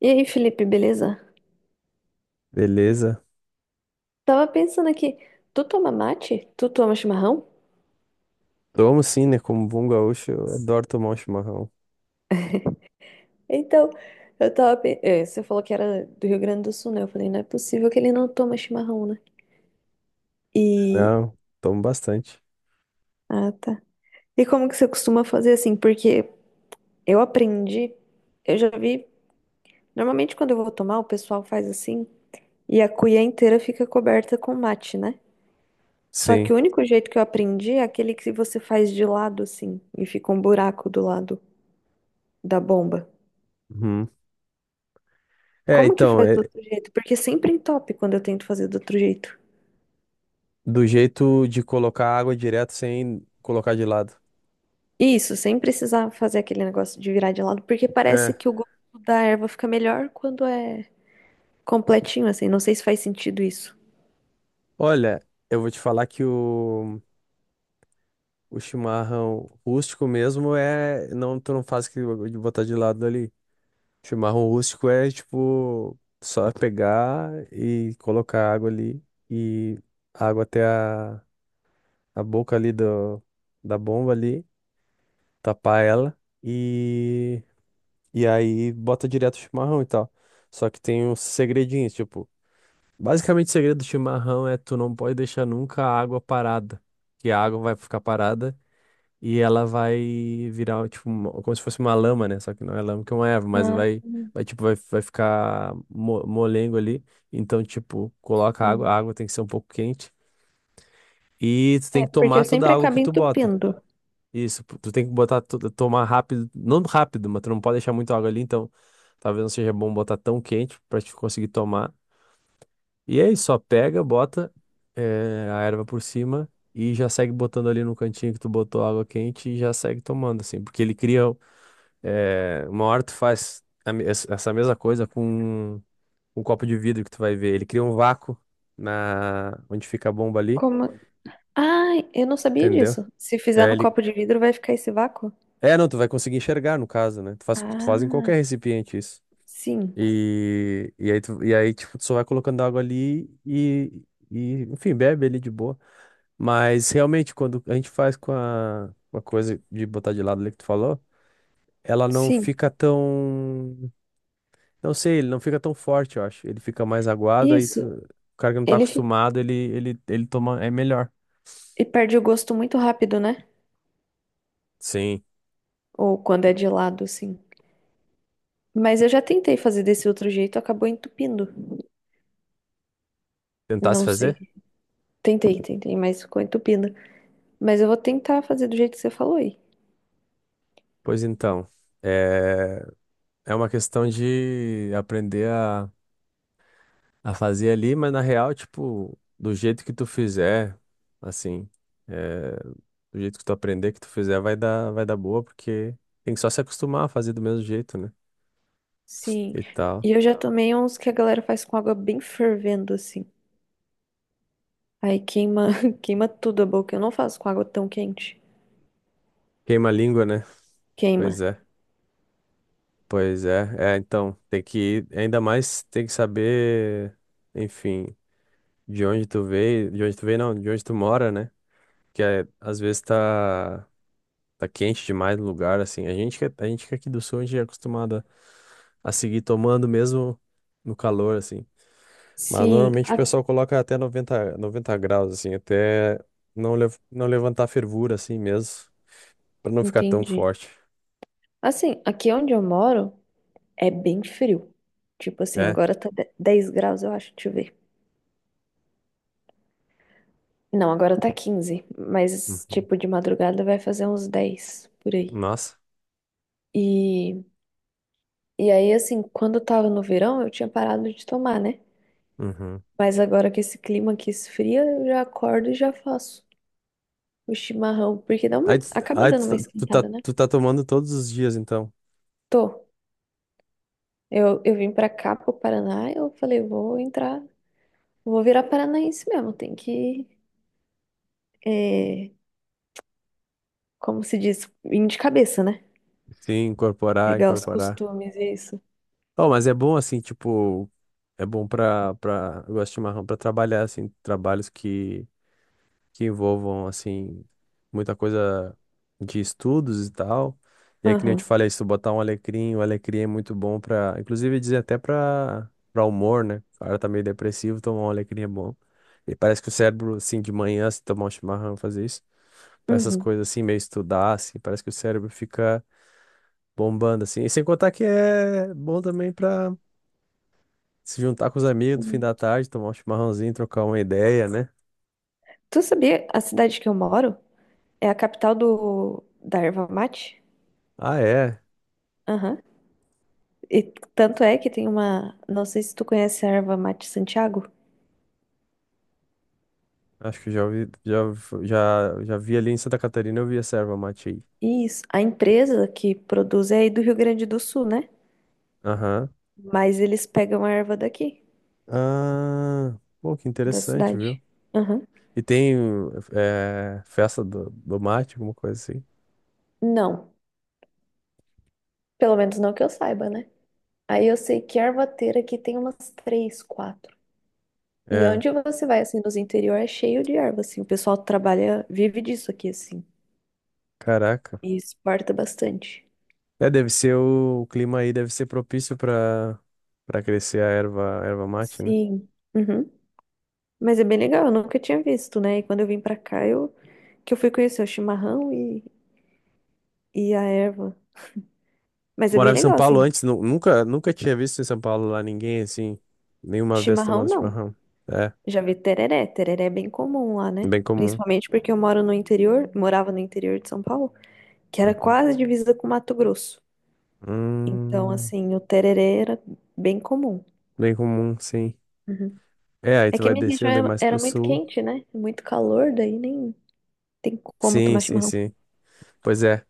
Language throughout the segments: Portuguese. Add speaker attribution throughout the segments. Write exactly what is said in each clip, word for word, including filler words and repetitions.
Speaker 1: E aí, Felipe, beleza?
Speaker 2: Beleza.
Speaker 1: Tava pensando aqui, tu toma mate? Tu toma chimarrão?
Speaker 2: Tomo sim, né? Como bom gaúcho, eu adoro tomar um chimarrão.
Speaker 1: Então, eu tava. pe- é, Você falou que era do Rio Grande do Sul, né? Eu falei, não é possível que ele não toma chimarrão, né? E.
Speaker 2: Não, tomo bastante.
Speaker 1: Ah, tá. E como que você costuma fazer assim? Porque eu aprendi, eu já vi. Normalmente, quando eu vou tomar, o pessoal faz assim, e a cuia inteira fica coberta com mate, né? Só que
Speaker 2: Sim.
Speaker 1: o único jeito que eu aprendi é aquele que você faz de lado, assim, e fica um buraco do lado da bomba.
Speaker 2: Uhum. É,
Speaker 1: Como que
Speaker 2: então,
Speaker 1: faz do
Speaker 2: é
Speaker 1: outro jeito? Porque sempre entope quando eu tento fazer do outro jeito.
Speaker 2: do jeito de colocar água direto sem colocar de lado.
Speaker 1: Isso, sem precisar fazer aquele negócio de virar de lado, porque parece
Speaker 2: É.
Speaker 1: que o gosto da erva fica melhor quando é completinho, assim. Não sei se faz sentido isso.
Speaker 2: Olha, eu vou te falar que o, o chimarrão rústico mesmo é. Não, tu não faz que de botar de lado ali. Chimarrão rústico é tipo só pegar e colocar água ali e água até a, a boca ali do, da bomba ali. Tapar ela e e aí bota direto o chimarrão e tal. Só que tem uns segredinhos, tipo, basicamente o segredo do chimarrão é tu não pode deixar nunca a água parada, que a água vai ficar parada e ela vai virar tipo uma- como se fosse uma lama, né? Só que não é lama que é uma erva, mas
Speaker 1: Ah,
Speaker 2: vai vai tipo vai, vai ficar mo- molengo ali. Então, tipo, coloca a água, a
Speaker 1: sim.
Speaker 2: água tem que ser um pouco quente e tu
Speaker 1: É,
Speaker 2: tem que
Speaker 1: porque
Speaker 2: tomar
Speaker 1: eu
Speaker 2: toda
Speaker 1: sempre
Speaker 2: a água
Speaker 1: acabo
Speaker 2: que tu bota.
Speaker 1: entupindo.
Speaker 2: Isso, p- tu tem que botar, tu- tomar rápido, não rápido, mas tu não pode deixar muita água ali, então talvez não seja bom botar tão quente pra te conseguir tomar. E aí, só pega, bota eh, a erva por cima e já segue botando ali no cantinho que tu botou água quente e já segue tomando, assim, porque ele cria, eh, uma hora tu faz a me- es- essa mesma coisa com um copo de vidro que tu vai ver, ele cria um vácuo na, onde fica a bomba ali,
Speaker 1: Como. Ah, eu não sabia
Speaker 2: entendeu?
Speaker 1: disso. Se fizer
Speaker 2: É,
Speaker 1: no
Speaker 2: ele,
Speaker 1: copo de vidro, vai ficar esse vácuo?
Speaker 2: É, não, tu vai conseguir enxergar, no caso, né? Tu faz, tu faz em
Speaker 1: Ah,
Speaker 2: qualquer recipiente isso.
Speaker 1: sim,
Speaker 2: E, e aí, tu, e aí, tipo, tu só vai colocando água ali e, e, enfim, bebe ali de boa. Mas, realmente, quando a gente faz com a, com a coisa de botar de lado ali que tu falou, ela não
Speaker 1: sim.
Speaker 2: fica tão... Não sei, ele não fica tão forte, eu acho. Ele fica mais aguado, aí tu-
Speaker 1: Isso.
Speaker 2: o cara que não tá
Speaker 1: Ele fi-
Speaker 2: acostumado, ele, ele, ele toma... É melhor.
Speaker 1: e perde o gosto muito rápido, né?
Speaker 2: Sim.
Speaker 1: Ou quando é de lado, assim. Mas eu já tentei fazer desse outro jeito, acabou entupindo.
Speaker 2: Tentar se
Speaker 1: Não sei.
Speaker 2: fazer?
Speaker 1: Tentei, tentei, mas ficou entupindo. Mas eu vou tentar fazer do jeito que você falou aí.
Speaker 2: Pois então, é, é uma questão de aprender a a fazer ali, mas na real, tipo, do jeito que tu fizer, assim, é, do jeito que tu aprender, que tu fizer, vai dar, vai dar boa, porque tem que só se acostumar a fazer do mesmo jeito, né?
Speaker 1: Sim.
Speaker 2: E tal.
Speaker 1: E eu já tomei uns que a galera faz com água bem fervendo, assim. Aí queima, queima tudo a boca. Eu não faço com água tão quente.
Speaker 2: Queima a língua, né? Pois
Speaker 1: Queima.
Speaker 2: é, pois é. É, então, tem que, ainda mais tem que saber, enfim, de onde tu veio, de onde tu veio, não, de onde tu mora, né? Que é, às vezes tá, tá quente demais no lugar, assim. A gente, que- é, a gente que é aqui do sul, a gente é acostumado a seguir tomando mesmo no calor, assim. Mas
Speaker 1: Sim,
Speaker 2: normalmente o
Speaker 1: a-
Speaker 2: pessoal coloca até noventa noventa graus, assim, até não, lev- não levantar a fervura, assim mesmo, pra não ficar tão
Speaker 1: entendi.
Speaker 2: forte.
Speaker 1: Assim, aqui onde eu moro é bem frio. Tipo assim,
Speaker 2: É.
Speaker 1: agora tá de- dez graus, eu acho. Deixa eu ver. Não, agora tá quinze, mas
Speaker 2: Uhum.
Speaker 1: tipo de madrugada vai fazer uns dez por aí.
Speaker 2: Nossa.
Speaker 1: E, e aí, assim, quando eu tava no verão, eu tinha parado de tomar, né?
Speaker 2: Uhum.
Speaker 1: Mas agora que esse clima aqui esfria, eu já acordo e já faço o chimarrão, porque dá uma,
Speaker 2: Aí, tu-
Speaker 1: acaba
Speaker 2: aí
Speaker 1: dando uma
Speaker 2: tu, tá, tu tá
Speaker 1: esquentada, né?
Speaker 2: tu tá tomando todos os dias, então.
Speaker 1: Tô. Eu, eu vim pra cá, pro Paraná, eu falei, vou entrar, vou virar paranaense mesmo, tem que, é, como se diz, vir de cabeça, né?
Speaker 2: Sim, incorporar,
Speaker 1: Pegar os
Speaker 2: incorporar.
Speaker 1: costumes e isso.
Speaker 2: Oh, mas é bom, assim, tipo, é bom pra, pra, eu gosto de chimarrão pra trabalhar, assim, trabalhos que que envolvam, assim, muita coisa de estudos e tal. E é que nem eu te
Speaker 1: Aham.
Speaker 2: falei, se tu botar um alecrim, o alecrim é muito bom pra, inclusive dizer até pra, pra humor, né? O cara tá meio depressivo, tomar um alecrim é bom. E parece que o cérebro, assim, de manhã, se tomar um chimarrão, fazer isso, pra essas
Speaker 1: Uhum.
Speaker 2: coisas assim, meio estudar, assim, parece que o cérebro fica bombando, assim. E sem contar que é bom também pra se juntar com os amigos no fim
Speaker 1: Sim.
Speaker 2: da tarde, tomar um chimarrãozinho, trocar uma ideia, né?
Speaker 1: Tu sabia, a cidade que eu moro é a capital do, da erva mate?
Speaker 2: Ah, é.
Speaker 1: Aham. E tanto é que tem uma. Não sei se tu conhece a erva mate Santiago.
Speaker 2: Acho que já ouvi, já, já, já vi ali em Santa Catarina, eu vi essa erva mate aí.
Speaker 1: Isso. A empresa que produz é aí do Rio Grande do Sul, né?
Speaker 2: Aham.
Speaker 1: Mas eles pegam a erva daqui,
Speaker 2: Ah, pô, que
Speaker 1: da
Speaker 2: interessante, viu?
Speaker 1: cidade. Aham.
Speaker 2: E tem eh, festa do, do mate, alguma coisa assim.
Speaker 1: Não. Pelo menos não que eu saiba, né? Aí eu sei que ervateira aqui tem umas três, quatro. E
Speaker 2: É,
Speaker 1: onde você vai, assim, nos interior é cheio de erva, assim. O pessoal trabalha, vive disso aqui, assim.
Speaker 2: caraca.
Speaker 1: E exporta bastante.
Speaker 2: É, deve ser o, o clima aí, deve ser propício para para crescer a erva, a erva mate, né?
Speaker 1: Sim. Uhum. Mas é bem legal, eu nunca tinha visto, né? E quando eu vim pra cá, eu que eu fui conhecer o chimarrão e, e a erva. Mas é bem
Speaker 2: Morava em São
Speaker 1: legal,
Speaker 2: Paulo
Speaker 1: assim.
Speaker 2: antes, nu- nunca, nunca tinha visto em São Paulo lá ninguém assim, nenhuma vez
Speaker 1: Chimarrão
Speaker 2: tomando
Speaker 1: não.
Speaker 2: chimarrão. É,
Speaker 1: Já vi tereré. Tereré é bem comum lá, né?
Speaker 2: bem comum.
Speaker 1: Principalmente porque eu moro no interior, morava no interior de São Paulo, que era
Speaker 2: Uhum.
Speaker 1: quase divisa com Mato Grosso. Então,
Speaker 2: Hum,
Speaker 1: assim, o tereré era bem comum.
Speaker 2: bem comum, sim.
Speaker 1: Uhum.
Speaker 2: É, aí
Speaker 1: É
Speaker 2: tu
Speaker 1: que a
Speaker 2: vai
Speaker 1: minha região
Speaker 2: descendo aí
Speaker 1: era,
Speaker 2: mais
Speaker 1: era
Speaker 2: pro
Speaker 1: muito
Speaker 2: sul.
Speaker 1: quente, né? Muito calor, daí nem tem como
Speaker 2: Sim,
Speaker 1: tomar
Speaker 2: sim,
Speaker 1: chimarrão.
Speaker 2: sim. Pois é.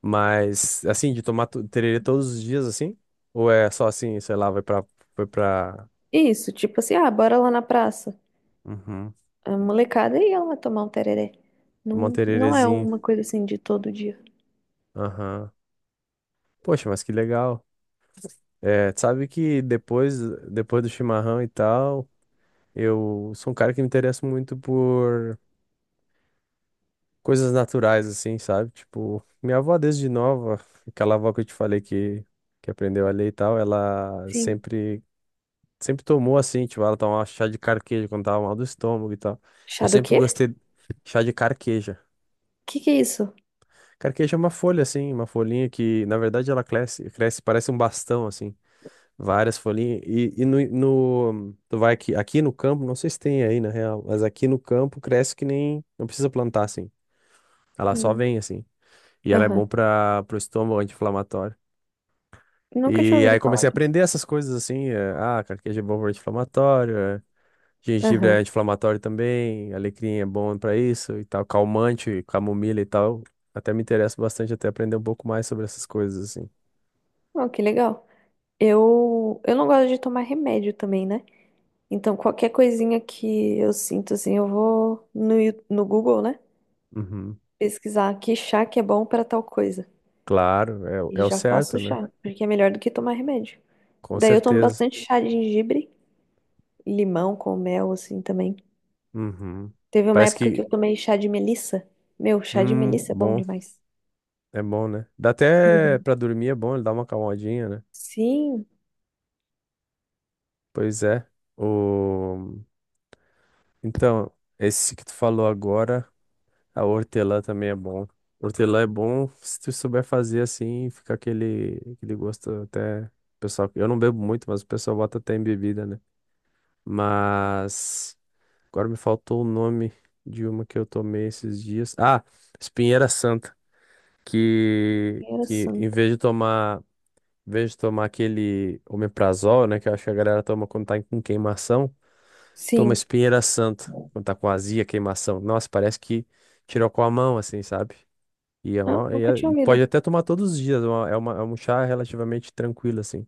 Speaker 2: Mas, assim, de tomar tu- tererê todos os dias, assim? Ou é só assim, sei lá, vai pra... Foi pra...
Speaker 1: Isso, tipo assim, ah, bora lá na praça.
Speaker 2: Uhum.
Speaker 1: A molecada ia lá tomar um tereré.
Speaker 2: Tomar um
Speaker 1: Não, não é
Speaker 2: tererezinho.
Speaker 1: uma coisa assim de todo dia.
Speaker 2: Aham. Poxa, mas que legal. É, tu sabe que depois, depois do chimarrão e tal, eu sou um cara que me interessa muito por coisas naturais, assim, sabe? Tipo, minha avó desde nova, aquela avó que eu te falei que, que aprendeu a ler e tal, ela
Speaker 1: Sim.
Speaker 2: sempre sempre tomou assim, tipo, ela tomava chá de carqueja quando tava mal do estômago e tal. Eu
Speaker 1: Chá do
Speaker 2: sempre
Speaker 1: quê?
Speaker 2: gostei
Speaker 1: O
Speaker 2: de chá de carqueja.
Speaker 1: que que é isso?
Speaker 2: Carqueja é uma folha assim, uma folhinha que, na verdade, ela cresce, cresce, parece um bastão assim, várias folhinhas. E, e no, no- tu vai aqui, aqui no campo, não sei se tem aí na real, mas aqui no campo cresce que nem, não precisa plantar assim. Ela só
Speaker 1: Hum.
Speaker 2: vem assim. E ela é bom
Speaker 1: Aham.
Speaker 2: para pro estômago anti-inflamatório.
Speaker 1: Nunca tinha
Speaker 2: E
Speaker 1: ouvido
Speaker 2: aí
Speaker 1: falar
Speaker 2: comecei a
Speaker 1: disso.
Speaker 2: aprender essas coisas assim, é, ah, carqueja é bom para anti-inflamatório, é, gengibre é
Speaker 1: Aham.
Speaker 2: anti-inflamatório também, alecrim é bom pra isso e tal, calmante, camomila e tal. Até me interessa bastante até aprender um pouco mais sobre essas coisas assim.
Speaker 1: Oh, que legal. Eu, eu não gosto de tomar remédio também, né? Então, qualquer coisinha que eu sinto, assim, eu vou no, Yu- no Google, né?
Speaker 2: Uhum.
Speaker 1: Pesquisar que chá que é bom para tal coisa.
Speaker 2: Claro, é, o- é
Speaker 1: E
Speaker 2: o
Speaker 1: já
Speaker 2: certo,
Speaker 1: faço
Speaker 2: né?
Speaker 1: chá, porque é melhor do que tomar remédio.
Speaker 2: Com
Speaker 1: Daí eu tomo
Speaker 2: certeza.
Speaker 1: bastante chá de gengibre, limão com mel, assim, também.
Speaker 2: Uhum.
Speaker 1: Teve uma
Speaker 2: Parece
Speaker 1: época que
Speaker 2: que,
Speaker 1: eu tomei chá de melissa. Meu, chá de
Speaker 2: hum,
Speaker 1: melissa é bom
Speaker 2: bom,
Speaker 1: demais.
Speaker 2: é bom, né? Dá até
Speaker 1: Uhum.
Speaker 2: pra dormir, é bom, ele dá uma calmadinha, né?
Speaker 1: Sim,
Speaker 2: Pois é. O... Então, esse que tu falou agora. A hortelã também é bom. Hortelã é bom se tu souber fazer assim, fica aquele, aquele gosto até. Pessoal, eu não bebo muito, mas o pessoal bota até em bebida, né? Mas agora me faltou o nome de uma que eu tomei esses dias. Ah, espinheira santa, que
Speaker 1: era.
Speaker 2: que em vez de tomar, em vez de tomar aquele omeprazol, né, que eu acho que a galera toma quando tá com queimação, toma
Speaker 1: Sim.
Speaker 2: espinheira santa quando tá com azia, queimação. Nossa, parece que tirou com a mão assim, sabe? E, é
Speaker 1: Ah,
Speaker 2: uma, e
Speaker 1: nunca
Speaker 2: é-
Speaker 1: tinha
Speaker 2: e pode
Speaker 1: ouvido.
Speaker 2: até tomar todos os dias. é uma- é, uma, é um chá relativamente tranquilo, assim.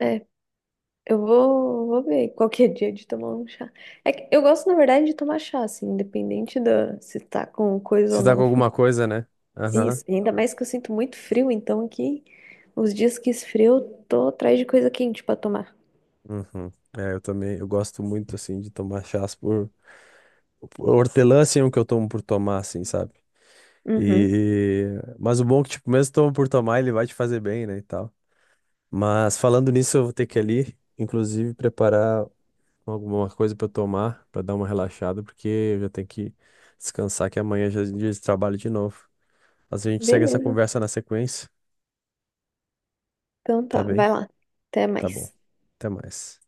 Speaker 1: É, eu vou, vou ver qualquer dia de tomar um chá. É que eu gosto, na verdade, de tomar chá, assim, independente da se tá com coisa ou
Speaker 2: Se tá com
Speaker 1: não.
Speaker 2: alguma coisa, né? Aham.
Speaker 1: Isso. E ainda mais que eu sinto muito frio, então aqui, os dias que esfria, eu tô atrás de coisa quente pra tomar.
Speaker 2: Uhum. É, eu também, eu gosto muito, assim, de tomar chás por... por- hortelã, assim, é um que eu tomo por tomar, assim, sabe?
Speaker 1: Uhum.
Speaker 2: E... Mas o bom é que, tipo, mesmo tomo por tomar, ele vai te fazer bem, né, e tal. Mas falando nisso, eu vou ter que ir ali, inclusive, preparar alguma coisa pra eu tomar, pra dar uma relaxada, porque eu já tenho que descansar, que amanhã já é dia de trabalho de novo. Mas a gente segue essa
Speaker 1: Beleza.
Speaker 2: conversa na sequência.
Speaker 1: Então
Speaker 2: Tá
Speaker 1: tá, vai
Speaker 2: bem?
Speaker 1: lá. Até
Speaker 2: Tá bom.
Speaker 1: mais.
Speaker 2: Até mais.